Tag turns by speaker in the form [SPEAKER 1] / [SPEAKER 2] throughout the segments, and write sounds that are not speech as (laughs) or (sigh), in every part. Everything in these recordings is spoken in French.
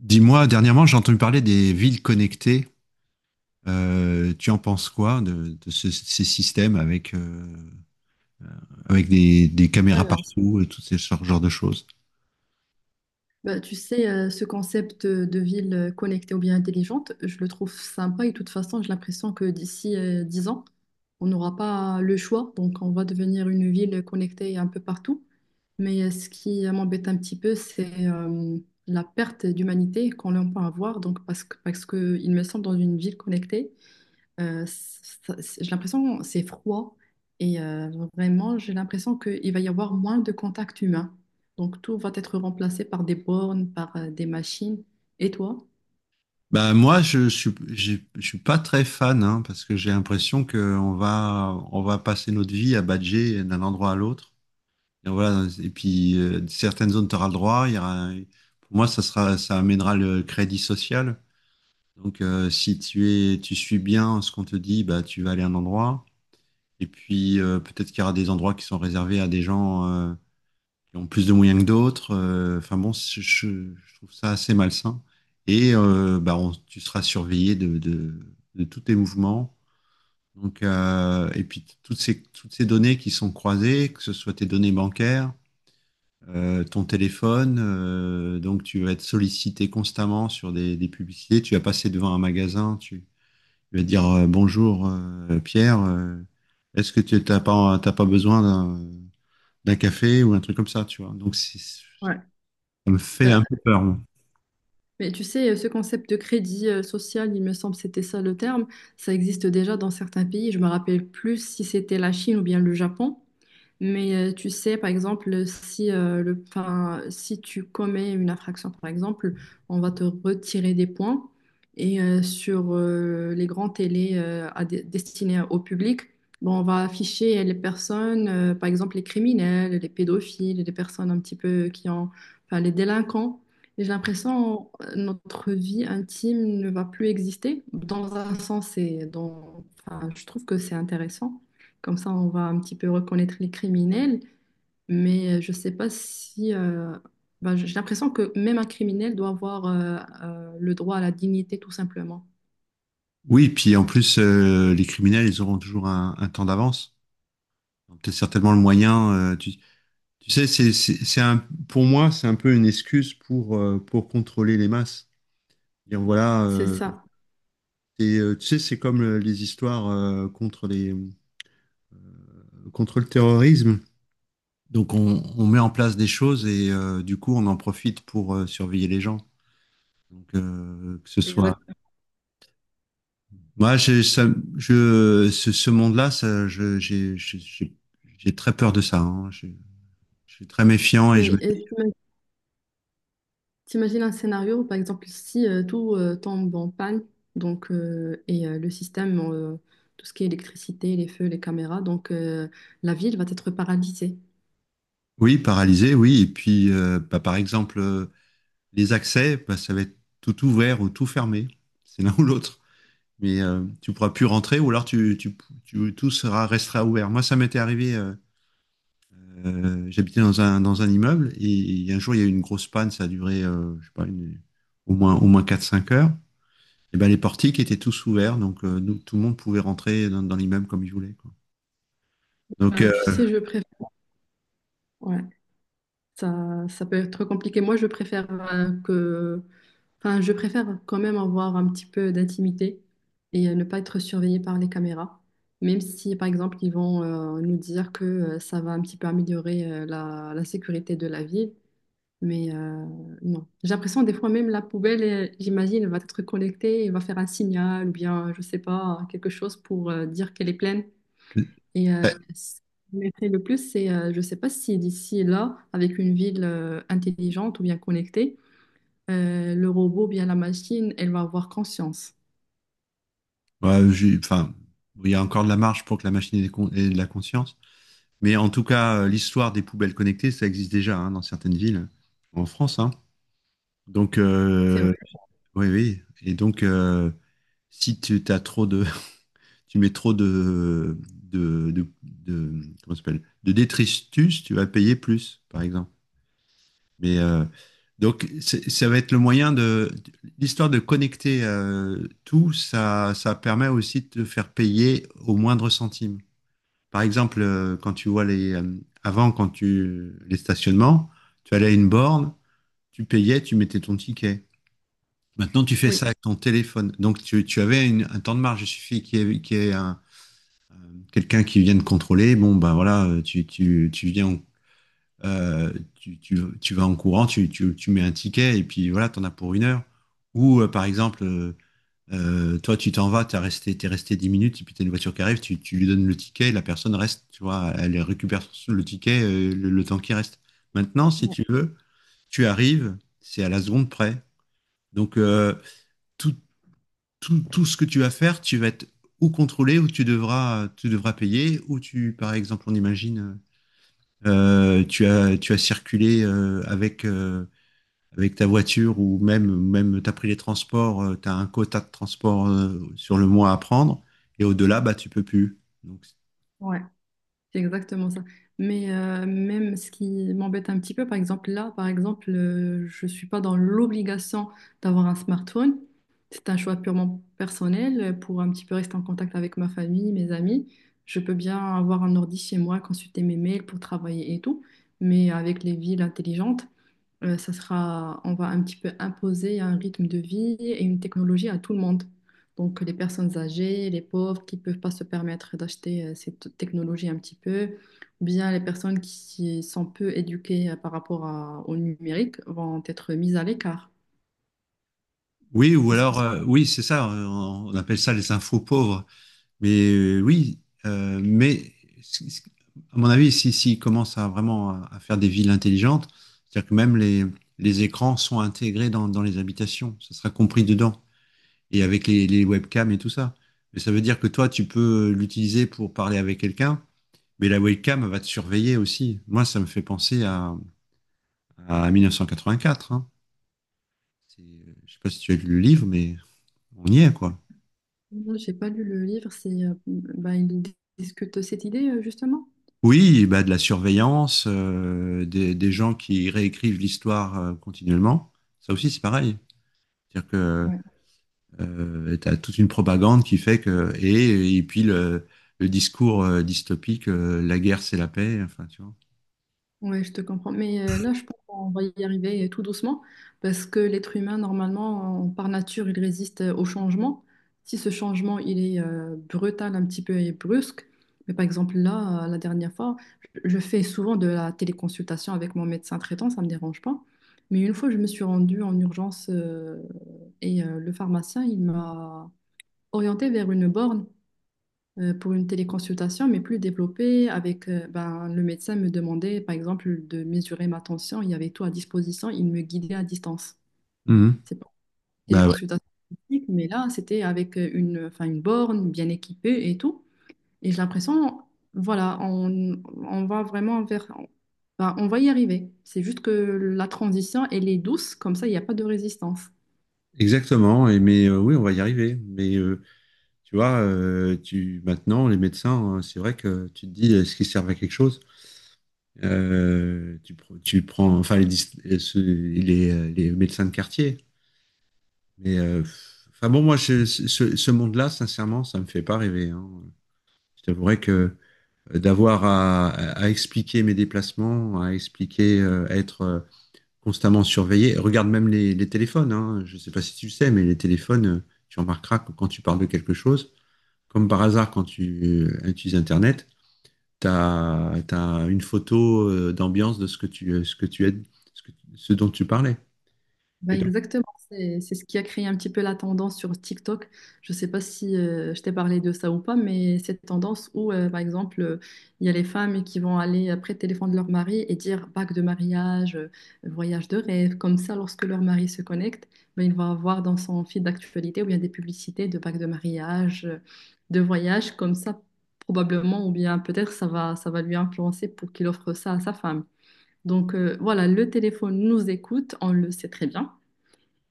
[SPEAKER 1] Dis-moi, dernièrement, j'ai entendu parler des villes connectées. Tu en penses quoi de ces systèmes avec, avec des caméras
[SPEAKER 2] Alors,
[SPEAKER 1] partout et tout ce genre de choses?
[SPEAKER 2] tu sais, ce concept de ville connectée ou bien intelligente, je le trouve sympa et de toute façon, j'ai l'impression que d'ici 10 ans, on n'aura pas le choix. Donc, on va devenir une ville connectée un peu partout. Mais ce qui m'embête un petit peu, c'est la perte d'humanité qu'on peut avoir. Donc, parce que, il me semble, dans une ville connectée, j'ai l'impression que c'est froid et vraiment j'ai l'impression qu'il va y avoir moins de contact humain. Donc tout va être remplacé par des bornes, par des machines. Et toi?
[SPEAKER 1] Bah moi, je suis pas très fan hein, parce que j'ai l'impression que on va passer notre vie à badger d'un endroit à l'autre. Et voilà. Et puis certaines zones t'auras le droit. Il y aura, pour moi, ça amènera le crédit social. Donc si tu suis bien ce qu'on te dit, bah tu vas aller à un endroit. Et puis peut-être qu'il y aura des endroits qui sont réservés à des gens qui ont plus de moyens que d'autres. Enfin bon, je trouve ça assez malsain. Et bah, tu seras surveillé de tous tes mouvements. Donc, et puis toutes ces données qui sont croisées, que ce soit tes données bancaires, ton téléphone, donc tu vas être sollicité constamment sur des publicités. Tu vas passer devant un magasin, je vais dire bonjour Pierre, est-ce que tu t'as pas besoin d'un café ou un truc comme ça, tu vois. Donc
[SPEAKER 2] Ouais.
[SPEAKER 1] ça me fait
[SPEAKER 2] Bah,
[SPEAKER 1] un peu peur. Moi.
[SPEAKER 2] mais tu sais, ce concept de crédit social, il me semble que c'était ça le terme, ça existe déjà dans certains pays. Je me rappelle plus si c'était la Chine ou bien le Japon. Mais tu sais, par exemple, si, le, enfin, si tu commets une infraction, par exemple, on va te retirer des points. Et sur les grands télés à destinés au public, bon, on va afficher les personnes, par exemple les criminels, les pédophiles, les personnes un petit peu qui ont, enfin, les délinquants. Et j'ai l'impression notre vie intime ne va plus exister. Dans un sens, enfin, je trouve que c'est intéressant. Comme ça, on va un petit peu reconnaître les criminels. Mais je ne sais pas si... bah, j'ai l'impression que même un criminel doit avoir le droit à la dignité, tout simplement.
[SPEAKER 1] Oui, puis en plus, les criminels, ils auront toujours un temps d'avance. Donc, t'as certainement le moyen. Tu sais, c'est pour moi, c'est un peu une excuse pour contrôler les masses. Dire voilà,
[SPEAKER 2] C'est ça.
[SPEAKER 1] et, tu sais, c'est comme les histoires contre contre le terrorisme. Donc on met en place des choses et du coup on en profite pour surveiller les gens. Donc que ce
[SPEAKER 2] C'est exact.
[SPEAKER 1] soit moi ce monde-là ça je j'ai très peur de ça, hein. Je suis très méfiant et je me
[SPEAKER 2] Mais t'imagines un scénario, par exemple, si tout tombe en panne, donc, et le système, tout ce qui est électricité, les feux, les caméras, donc la ville va être paralysée.
[SPEAKER 1] oui paralysé oui et puis bah, par exemple les accès bah, ça va être tout ouvert ou tout fermé c'est (laughs) l'un ou l'autre. Mais tu pourras plus rentrer ou alors tout sera restera ouvert. Moi ça m'était arrivé. J'habitais dans un immeuble et un jour il y a eu une grosse panne, ça a duré je sais pas, au moins 4 5 heures. Et ben, les portiques étaient tous ouverts, donc nous, tout le monde pouvait rentrer dans l'immeuble comme il voulait, quoi. Donc, euh,
[SPEAKER 2] Tu sais, je préfère... Ouais, ça peut être compliqué. Moi, je préfère que... Enfin, je préfère quand même avoir un petit peu d'intimité et ne pas être surveillée par les caméras, même si, par exemple, ils vont nous dire que ça va un petit peu améliorer la, la sécurité de la ville. Mais non. J'ai l'impression, des fois, même la poubelle, j'imagine, elle va être connectée et va faire un signal ou bien, je sais pas, quelque chose pour dire qu'elle est pleine. Et
[SPEAKER 1] euh,
[SPEAKER 2] ce qui m'effraie le plus, c'est, je sais pas si d'ici là, avec une ville intelligente ou bien connectée, le robot, bien la machine, elle va avoir conscience.
[SPEAKER 1] ouais, enfin, bon, il y a encore de la marge pour que la machine ait de la conscience. Mais en tout cas, l'histoire des poubelles connectées, ça existe déjà hein, dans certaines villes en France, hein. Donc,
[SPEAKER 2] C'est vrai.
[SPEAKER 1] oui, oui. Et donc, si tu as trop tu mets trop de, de, de- comment ça s'appelle, de détritus, tu vas payer plus, par exemple. Mais euh, donc, ça va être le moyen de. L'histoire de connecter tout, ça permet aussi de te faire payer au moindre centime. Par exemple, quand tu vois les. Avant, quand tu. Les stationnements, tu allais à une borne, tu payais, tu mettais ton ticket. Maintenant, tu fais
[SPEAKER 2] Oui,
[SPEAKER 1] ça avec ton téléphone. Donc, tu avais un temps de marge. Il suffit qu'il y ait un quelqu'un qui vient de contrôler, bon, ben voilà, tu viens, tu vas en courant, tu mets un ticket et puis voilà, t'en as pour une heure. Ou par exemple, toi, tu t'en vas, t'es resté 10 minutes, et puis t'as une voiture qui arrive, tu lui donnes le ticket, la personne reste, tu vois, elle récupère le ticket, le temps qui reste. Maintenant, si tu veux, tu arrives, c'est à la seconde près. Donc, tout, tout ce que tu vas faire, tu vas être ou contrôlé, ou tu devras payer, ou tu, par exemple, on imagine, tu as circulé avec ta voiture ou même, même tu as pris les transports, tu as un quota de transport sur le mois à prendre, et au-delà, bah, tu peux plus. Donc,
[SPEAKER 2] ouais, c'est exactement ça. Mais même ce qui m'embête un petit peu, par exemple, là, par exemple, je ne suis pas dans l'obligation d'avoir un smartphone. C'est un choix purement personnel pour un petit peu rester en contact avec ma famille, mes amis. Je peux bien avoir un ordi chez moi, consulter mes mails pour travailler et tout. Mais avec les villes intelligentes, ça sera, on va un petit peu imposer un rythme de vie et une technologie à tout le monde. Donc les personnes âgées, les pauvres qui ne peuvent pas se permettre d'acheter cette technologie un petit peu, ou bien les personnes qui sont peu éduquées par rapport au numérique vont être mises à l'écart.
[SPEAKER 1] oui, ou
[SPEAKER 2] Parce que
[SPEAKER 1] alors, oui, c'est ça, on appelle ça les infos pauvres. Oui, euh, mais c- c- à mon avis, si commence à vraiment à faire des villes intelligentes, c'est-à-dire que même les écrans sont intégrés dans les habitations, ça sera compris dedans, et avec les webcams et tout ça. Mais ça veut dire que toi, tu peux l'utiliser pour parler avec quelqu'un, mais la webcam va te surveiller aussi. Moi, ça me fait penser à mille neuf cent quatre hein. C'est- Je sais pas si tu as lu le livre, mais on y est, quoi.
[SPEAKER 2] moi, j'ai pas lu le livre, c'est, bah, il discute cette idée justement.
[SPEAKER 1] Oui, bah de la surveillance, des gens qui réécrivent l'histoire continuellement. Ça aussi, c'est pareil. C'est-à-dire que
[SPEAKER 2] Ouais.
[SPEAKER 1] tu as toute une propagande qui fait que. Et puis le discours dystopique, la guerre, c'est la paix. Enfin, tu vois.
[SPEAKER 2] Ouais, je te comprends. Mais là, je pense qu'on va y arriver tout doucement parce que l'être humain, normalement, par nature, il résiste au changement. Si ce changement, il est brutal un petit peu et brusque, mais par exemple, là, la dernière fois, je fais souvent de la téléconsultation avec mon médecin traitant, ça ne me dérange pas. Mais une fois, je me suis rendue en urgence et le pharmacien, il m'a orientée vers une borne pour une téléconsultation, mais plus développée, avec ben, le médecin me demandait, par exemple, de mesurer ma tension, il y avait tout à disposition, il me guidait à distance.
[SPEAKER 1] Mhm.
[SPEAKER 2] C'est pas une
[SPEAKER 1] Bah ouais,
[SPEAKER 2] téléconsultation physique, mais là, c'était avec une, enfin, une borne bien équipée et tout. Et j'ai l'impression, voilà, on va vraiment vers... ben, on va y arriver. C'est juste que la transition, elle est douce, comme ça, il n'y a pas de résistance.
[SPEAKER 1] exactement. Et mais oui, on va y arriver. Mais tu vois, tu maintenant les médecins, c'est vrai que tu te dis est-ce qu'ils servent à quelque chose? Tu prends, enfin les médecins de quartier. Mais euh, enfin bon, moi, ce monde-là, sincèrement, ça me fait pas rêver, hein. Je t'avouerais que d'avoir à expliquer mes déplacements, à expliquer, à être constamment surveillé. Regarde même les téléphones, hein. Je sais pas si tu le sais, mais les téléphones, tu remarqueras que quand tu parles de quelque chose, comme par hasard quand tu utilises Internet, t'as une photo d'ambiance de ce que ce que tu es, ce dont tu parlais.
[SPEAKER 2] Ben
[SPEAKER 1] Et donc,
[SPEAKER 2] exactement, c'est ce qui a créé un petit peu la tendance sur TikTok. Je ne sais pas si je t'ai parlé de ça ou pas, mais cette tendance où, par exemple, il y a les femmes qui vont aller après le téléphone de leur mari et dire bague de mariage, voyage de rêve, comme ça, lorsque leur mari se connecte, bah, il va avoir dans son fil d'actualité où il y a des publicités de bague de mariage, de voyage, comme ça, probablement, ou bien peut-être ça va lui influencer pour qu'il offre ça à sa femme. Donc voilà, le téléphone nous écoute, on le sait très bien.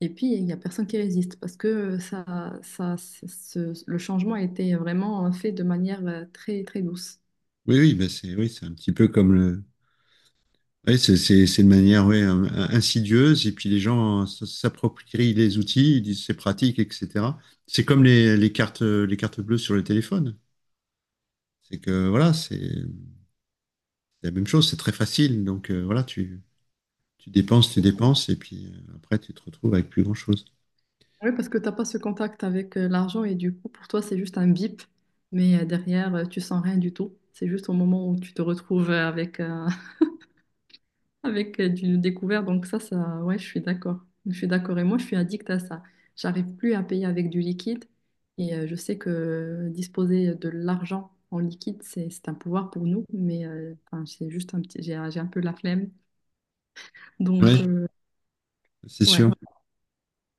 [SPEAKER 2] Et puis, il n'y a personne qui résiste parce que ça, le changement a été vraiment fait de manière très, très douce.
[SPEAKER 1] oui, ben c'est oui, c'est un petit peu comme le, oui, c'est de manière ouais, insidieuse, et puis les gens s'approprient les outils, ils disent c'est pratique, etc. C'est comme les cartes bleues sur le téléphone. C'est que voilà, c'est la même chose, c'est très facile. Donc voilà, tu dépenses, et puis après tu te retrouves avec plus grand-chose.
[SPEAKER 2] Oui, parce que tu n'as pas ce contact avec l'argent et du coup, pour toi, c'est juste un bip, mais derrière, tu sens rien du tout. C'est juste au moment où tu te retrouves avec du découvert. Donc ça, ouais, je suis d'accord. Je suis d'accord. Et moi, je suis addict à ça. J'arrive plus à payer avec du liquide. Et je sais que disposer de l'argent en liquide, c'est un pouvoir pour nous. Mais enfin, c'est juste un petit, j'ai un peu la flemme. Donc
[SPEAKER 1] Oui, c'est
[SPEAKER 2] ouais,
[SPEAKER 1] sûr.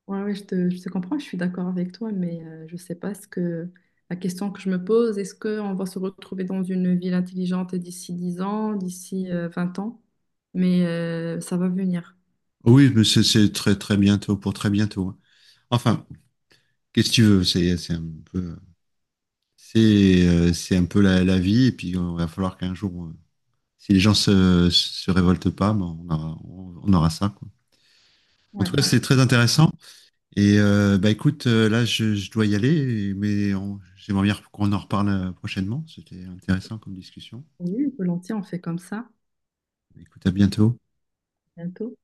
[SPEAKER 2] ouais, ouais, je te comprends. Je suis d'accord avec toi. Mais je sais pas ce que la question que je me pose, est-ce qu'on va se retrouver dans une ville intelligente d'ici 10 ans, d'ici 20 ans? Mais ça va venir.
[SPEAKER 1] Oui, mais c'est très très bientôt, pour très bientôt, hein. Enfin, qu'est-ce que tu veux? Peu, c'est un peu la vie, et puis il va falloir qu'un jour si les gens se révoltent pas, ben, on aura ça, quoi. En
[SPEAKER 2] Ouais.
[SPEAKER 1] tout cas, c'est très intéressant. Et bah écoute, là, je dois y aller, mais j'aimerais bien qu'on en reparle prochainement. C'était intéressant comme discussion.
[SPEAKER 2] Oui, volontiers, on fait comme ça
[SPEAKER 1] Écoute, à bientôt.
[SPEAKER 2] bientôt.